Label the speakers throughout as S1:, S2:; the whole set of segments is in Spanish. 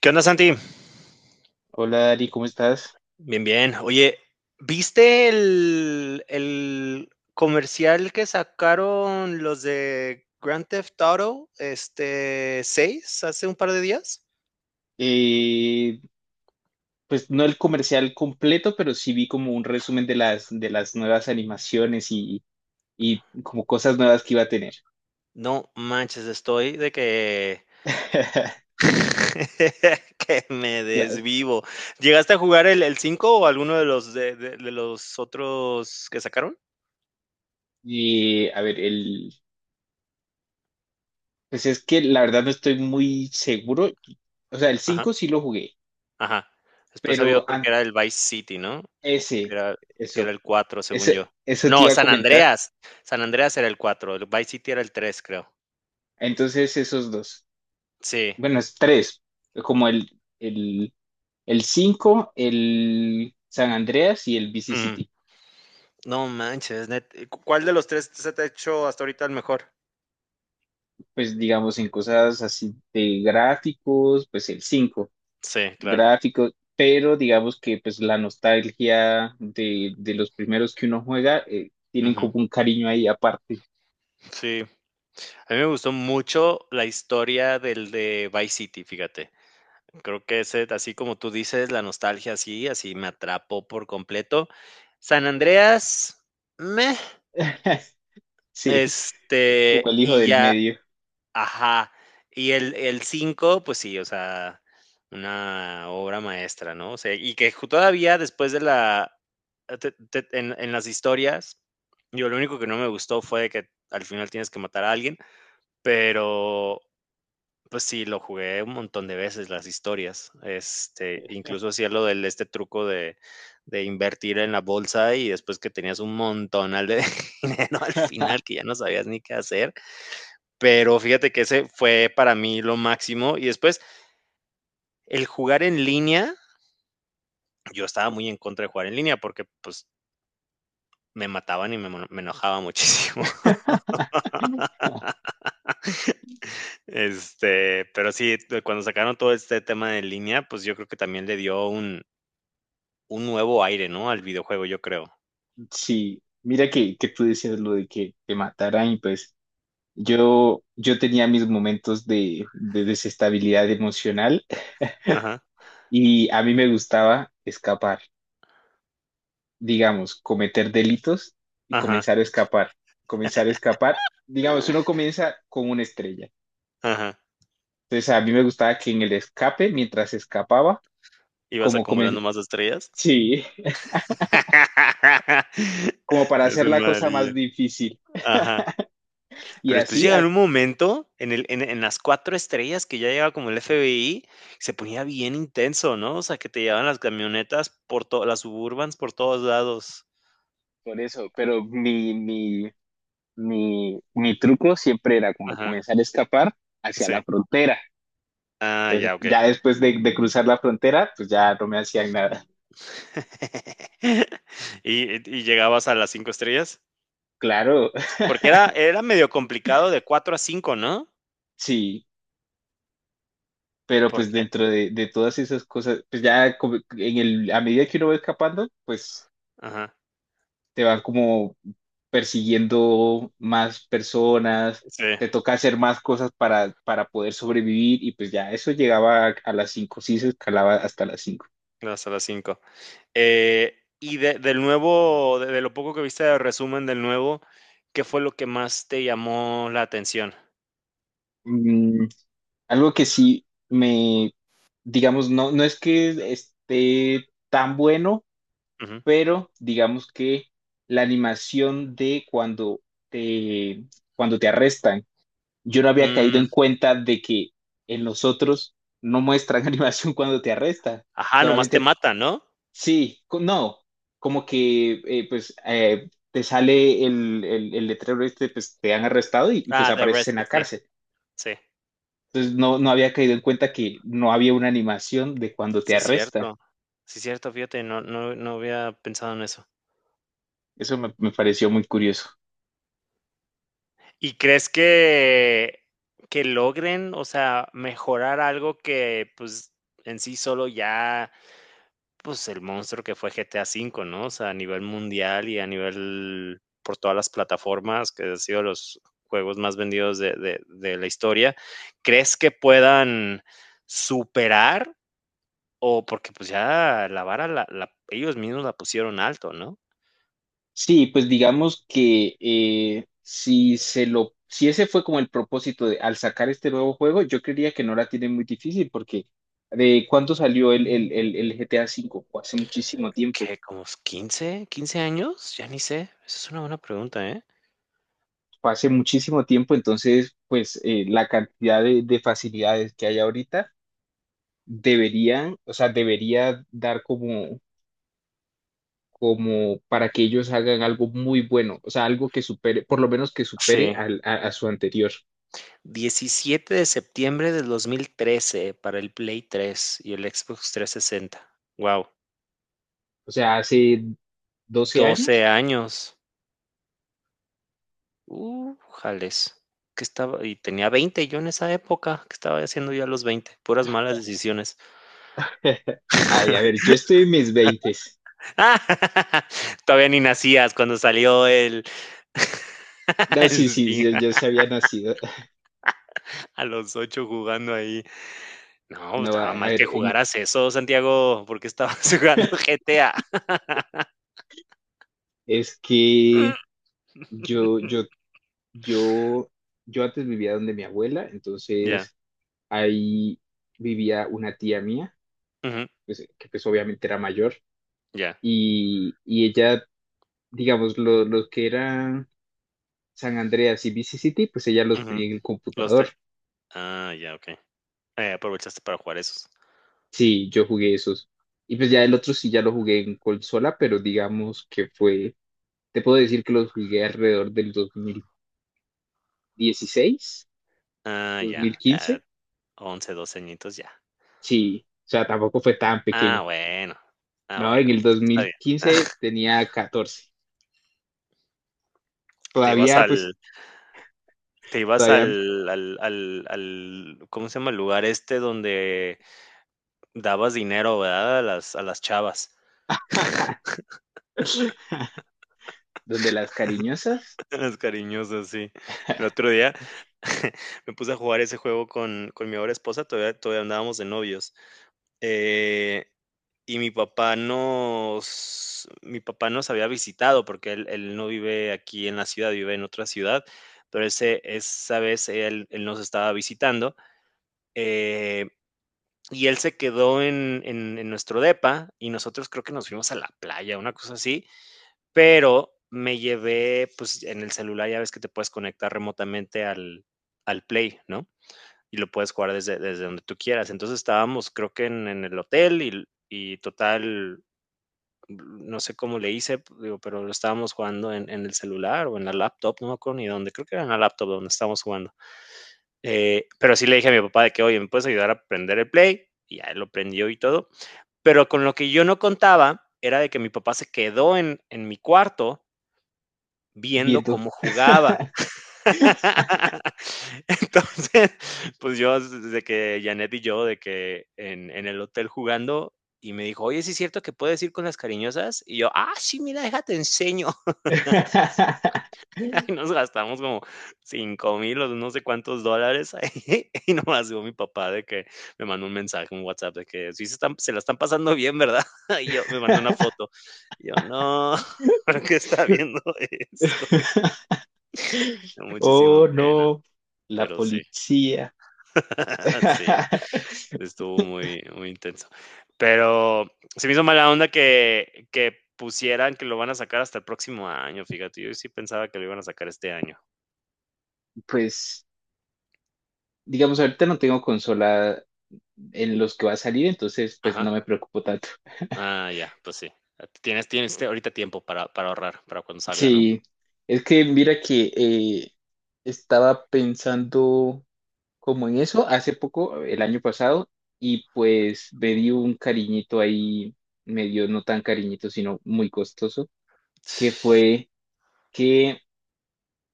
S1: ¿Qué onda, Santi?
S2: Hola Dari, ¿cómo estás?
S1: Bien, bien. Oye, ¿viste el comercial que sacaron los de Grand Theft Auto este 6, hace un par de días?
S2: Eh, pues no el comercial completo, pero sí vi como un resumen de las nuevas animaciones y como cosas nuevas que iba a tener.
S1: No manches, que me
S2: Claro.
S1: desvivo. ¿Llegaste a jugar el 5 o alguno de los de los otros que sacaron?
S2: Y a ver, el, pues es que la verdad no estoy muy seguro. O sea, el
S1: Ajá.
S2: cinco sí lo jugué,
S1: Ajá. Después había
S2: pero
S1: otro que era el Vice City, ¿no? O
S2: ese,
S1: que era
S2: eso,
S1: el 4, según yo.
S2: ese, eso te
S1: No,
S2: iba a
S1: San
S2: comentar.
S1: Andreas. San Andreas era el 4. El Vice City era el tres, creo.
S2: Entonces esos dos.
S1: Sí.
S2: Bueno, es tres, como el El cinco, el San Andreas y el V C
S1: Ujú.
S2: City
S1: No manches, net. ¿Y ¿Cu cuál de los 3 se te ha hecho hasta ahorita el mejor?
S2: Pues digamos en cosas así de gráficos, pues el 5
S1: Sí, claro.
S2: gráficos, pero digamos que pues la nostalgia de los primeros que uno juega tienen
S1: Ujú.
S2: como un cariño ahí aparte.
S1: Sí. A mí me gustó mucho la historia del de Vice City, fíjate. Creo que ese, así como tú dices, la nostalgia, así así me atrapó por completo. San Andreas, meh.
S2: Sí, como el hijo
S1: Y
S2: del
S1: ya,
S2: medio.
S1: ajá. Y el 5 pues sí, o sea, una obra maestra, ¿no? O sea, y que ju todavía después de la te en las historias, yo lo único que no me gustó fue de que al final tienes que matar a alguien, pero, pues sí, lo jugué un montón de veces las historias. Incluso hacía lo del truco de invertir en la bolsa y después que tenías un montonal de dinero al final que ya no sabías ni qué hacer, pero fíjate que ese fue para mí lo máximo. Y después, el jugar en línea, yo estaba muy en contra de jugar en línea porque pues me mataban y me enojaba muchísimo. Pero sí, de cuando sacaron todo este tema de línea, pues yo creo que también le dio un nuevo aire, ¿no? Al videojuego, yo creo.
S2: Sí, mira que tú decías lo de que te mataran y pues yo tenía mis momentos de desestabilidad emocional.
S1: Ajá,
S2: Y a mí me gustaba escapar, digamos, cometer delitos y
S1: ajá,
S2: comenzar a escapar, comenzar a escapar. Digamos, uno comienza con una estrella.
S1: ajá.
S2: Entonces a mí me gustaba que en el escape, mientras escapaba,
S1: Ibas
S2: como
S1: acumulando
S2: comen-
S1: más estrellas.
S2: sí, como para
S1: Es
S2: hacer
S1: un
S2: la cosa más
S1: malillo.
S2: difícil.
S1: Ajá.
S2: Y
S1: Pero después
S2: así,
S1: llega
S2: hasta
S1: un momento en el en las 4 estrellas que ya llegaba como el FBI, se ponía bien intenso, ¿no? O sea, que te llevaban las camionetas por todas las Suburbans por todos lados.
S2: por eso, pero mi truco siempre era como
S1: Ajá,
S2: comenzar a escapar hacia
S1: sí.
S2: la frontera.
S1: Ah,
S2: Entonces,
S1: ya, okey.
S2: ya después de cruzar la frontera, pues ya no me hacían nada.
S1: ¿Y llegabas a las 5 estrellas?
S2: Claro,
S1: Porque era medio complicado de 4 a cinco, ¿no?
S2: sí. Pero pues
S1: Porque
S2: dentro de todas esas cosas, pues ya como en el, a medida que uno va escapando, pues
S1: ajá,
S2: te van como persiguiendo más personas,
S1: sí,
S2: te toca hacer más cosas para poder sobrevivir y pues ya eso llegaba a las cinco, sí se escalaba hasta las cinco.
S1: llegabas a las cinco. Y del nuevo, de lo poco que viste de resumen del nuevo, ¿qué fue lo que más te llamó la atención?
S2: Algo que sí me, digamos, no, no es que esté tan bueno,
S1: Ujú.
S2: pero digamos que la animación de cuando te, cuando te arrestan, yo no había caído
S1: Mm,
S2: en cuenta de que en los otros no muestran animación cuando te arrestan.
S1: ajá, nomás te
S2: Solamente,
S1: matan, ¿no?
S2: sí, no, como que te sale el letrero este, pues te han arrestado pues
S1: Ah, The
S2: apareces en
S1: Arrested,
S2: la
S1: sí,
S2: cárcel.
S1: sí,
S2: Entonces no, no había caído en cuenta que no había una animación de cuando te
S1: sí,
S2: arrestan.
S1: cierto. Sí, cierto, fíjate, no, no, no había pensado en eso.
S2: Eso me, me pareció muy curioso.
S1: ¿Y crees que, logren, o sea, mejorar algo que, pues, en sí solo ya? Pues, el monstruo que fue GTA V, ¿no? O sea, a nivel mundial y a nivel por todas las plataformas, que ha sido los juegos más vendidos de la historia. ¿Crees que puedan superar? O porque, pues, ya la vara la ellos mismos la pusieron alto, ¿no?
S2: Sí, pues digamos que si se lo, si ese fue como el propósito de al sacar este nuevo juego, yo creería que no la tiene muy difícil porque ¿de cuándo salió el GTA cinco? Fue hace muchísimo tiempo,
S1: ¿Qué? ¿Como 15, 15 años? Ya ni sé. Esa es una buena pregunta, ¿eh?
S2: fue hace muchísimo tiempo, entonces pues la cantidad de facilidades que hay ahorita deberían, o sea, debería dar como, como para que ellos hagan algo muy bueno, o sea, algo que supere, por lo menos que supere
S1: Sí.
S2: a su anterior,
S1: 17 de septiembre de 2013 para el Play 3 y el Xbox 360. Wow.
S2: o sea, hace 12
S1: doce
S2: años.
S1: años. Jales. ¿Qué estaba? Y tenía 20 yo en esa época. ¿Qué estaba haciendo yo a los 20? Puras malas decisiones.
S2: Ay, a ver, yo estoy en mis veintes.
S1: Ah, todavía ni nacías cuando salió el,
S2: No,
S1: el
S2: sí, sí, sí,
S1: sí,
S2: yo sí había nacido.
S1: a los 8 jugando ahí. No,
S2: No,
S1: estaba
S2: a
S1: mal
S2: ver,
S1: que jugaras eso, Santiago, porque estabas jugando GTA.
S2: es que yo, yo, yo, yo antes vivía donde mi abuela,
S1: Ya,
S2: entonces ahí vivía una tía mía,
S1: ujú,
S2: pues, que pues obviamente era mayor,
S1: ya,
S2: y ella, digamos, lo que eran San Andreas y Vice City, pues ella los
S1: ujú,
S2: tenía en el
S1: los te
S2: computador.
S1: ah, ya, okey. Aprovechaste para jugar esos.
S2: Sí, yo jugué esos. Y pues ya el otro sí ya lo jugué en consola, pero digamos que fue. Te puedo decir que los jugué alrededor del 2016,
S1: Ah,
S2: dos
S1: ya,
S2: mil
S1: ah,
S2: quince
S1: 11, 12 añitos, ya.
S2: Sí, o sea, tampoco fue tan pequeño.
S1: Ah, bueno. Ah,
S2: No, en
S1: bueno,
S2: el
S1: eso
S2: dos
S1: está
S2: mil
S1: bien.
S2: quince tenía 14.
S1: Te ibas
S2: Todavía, pues,
S1: al te ibas
S2: todavía,
S1: al al al al, ¿cómo se llama? El lugar este donde dabas dinero, ¿verdad? a las chavas,
S2: donde las cariñosas,
S1: las cariñosas, sí. El otro día me puse a jugar ese juego con mi ahora esposa, todavía andábamos de novios. Eh, y mi papá nos había visitado porque él no vive aquí en la ciudad, vive en otra ciudad, pero ese esa vez él nos estaba visitando, eh, y él se quedó en nuestro depa, y nosotros creo que nos fuimos a la playa, una cosa así, pero me llevé, pues, en el celular ya ves que te puedes conectar remotamente al Play, ¿no? Y lo puedes jugar desde donde tú quieras. Entonces estábamos, creo que en el hotel y total, no sé cómo le hice, digo, pero lo estábamos jugando en el celular o en la laptop, no me acuerdo ni dónde, creo que era en la laptop donde estábamos jugando. Pero sí le dije a mi papá de que, oye, ¿me puedes ayudar a prender el play? Y ya lo prendió y todo. Pero con lo que yo no contaba era de que mi papá se quedó en mi cuarto viendo
S2: viendo.
S1: cómo jugaba. Entonces, pues yo, desde que Janet y yo, de que en el hotel jugando, y me dijo, oye, ¿sí es cierto que puedes ir con las cariñosas? Y yo, ah, sí, mira, déjate enseño. Y nos gastamos como 5.000 o no sé cuántos dólares ahí. Y nomás digo mi papá de que me mandó un mensaje, un WhatsApp, de que sí se, están, se la están pasando bien, ¿verdad? Y yo me mandó una foto. Y yo, no, ¿por qué está viendo esto? Muchísima
S2: Oh,
S1: pena,
S2: no, la
S1: pero sí.
S2: policía.
S1: Sí. Estuvo muy, muy intenso. Pero se me hizo mala onda que, pusieran que lo van a sacar hasta el próximo año, fíjate. Yo sí pensaba que lo iban a sacar este año.
S2: Pues, digamos, ahorita no tengo consola en los que va a salir, entonces, pues, no
S1: Ajá.
S2: me preocupo tanto.
S1: Ah, ya, pues sí. Ah, tienes ahorita tiempo para ahorrar, para cuando salga, ¿no?
S2: Sí, es que mira que estaba pensando como en eso hace poco, el año pasado, y pues me di un cariñito ahí, medio no tan cariñito, sino muy costoso, que fue que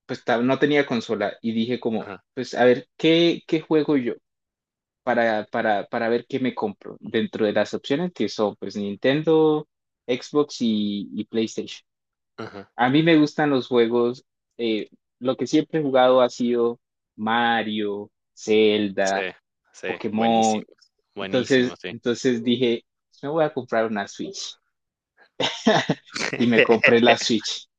S2: pues no tenía consola y dije como,
S1: Ajá,
S2: pues a ver, ¿qué, qué juego yo para ver qué me compro dentro de las opciones que son pues Nintendo, Xbox y PlayStation?
S1: ajá.
S2: A mí me gustan los juegos, eh, lo que siempre he jugado ha sido Mario,
S1: Sí,
S2: Zelda,
S1: sí,
S2: Pokémon.
S1: buenísimo. Buenísimo,
S2: Entonces,
S1: sí.
S2: entonces dije, me voy a comprar una Switch. Y me compré la Switch.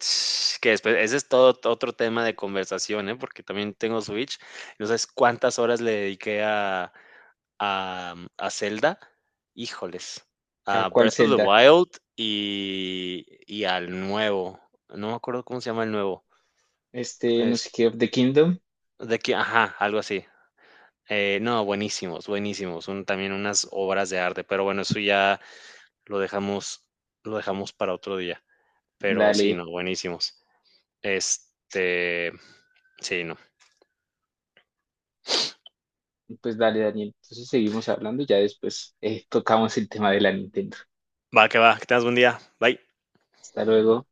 S1: Que después, ese es todo otro tema de conversación, ¿eh? Porque también tengo Switch. No sabes cuántas horas le dediqué a Zelda, híjoles,
S2: ¿A
S1: a
S2: cuál
S1: Breath of the
S2: Zelda?
S1: Wild y al nuevo, no me acuerdo cómo se llama el nuevo,
S2: Este, no
S1: es
S2: sé qué, of the Kingdom.
S1: de que ajá, algo así. No, buenísimos, buenísimos, son también unas obras de arte, pero bueno, eso ya lo dejamos lo dejamos para otro día, pero sí,
S2: Dale,
S1: no, buenísimos. Este, sí, no.
S2: pues dale, Daniel. Entonces seguimos hablando y ya después tocamos el tema de la Nintendo.
S1: Va, que tengas buen día. Bye.
S2: Hasta luego.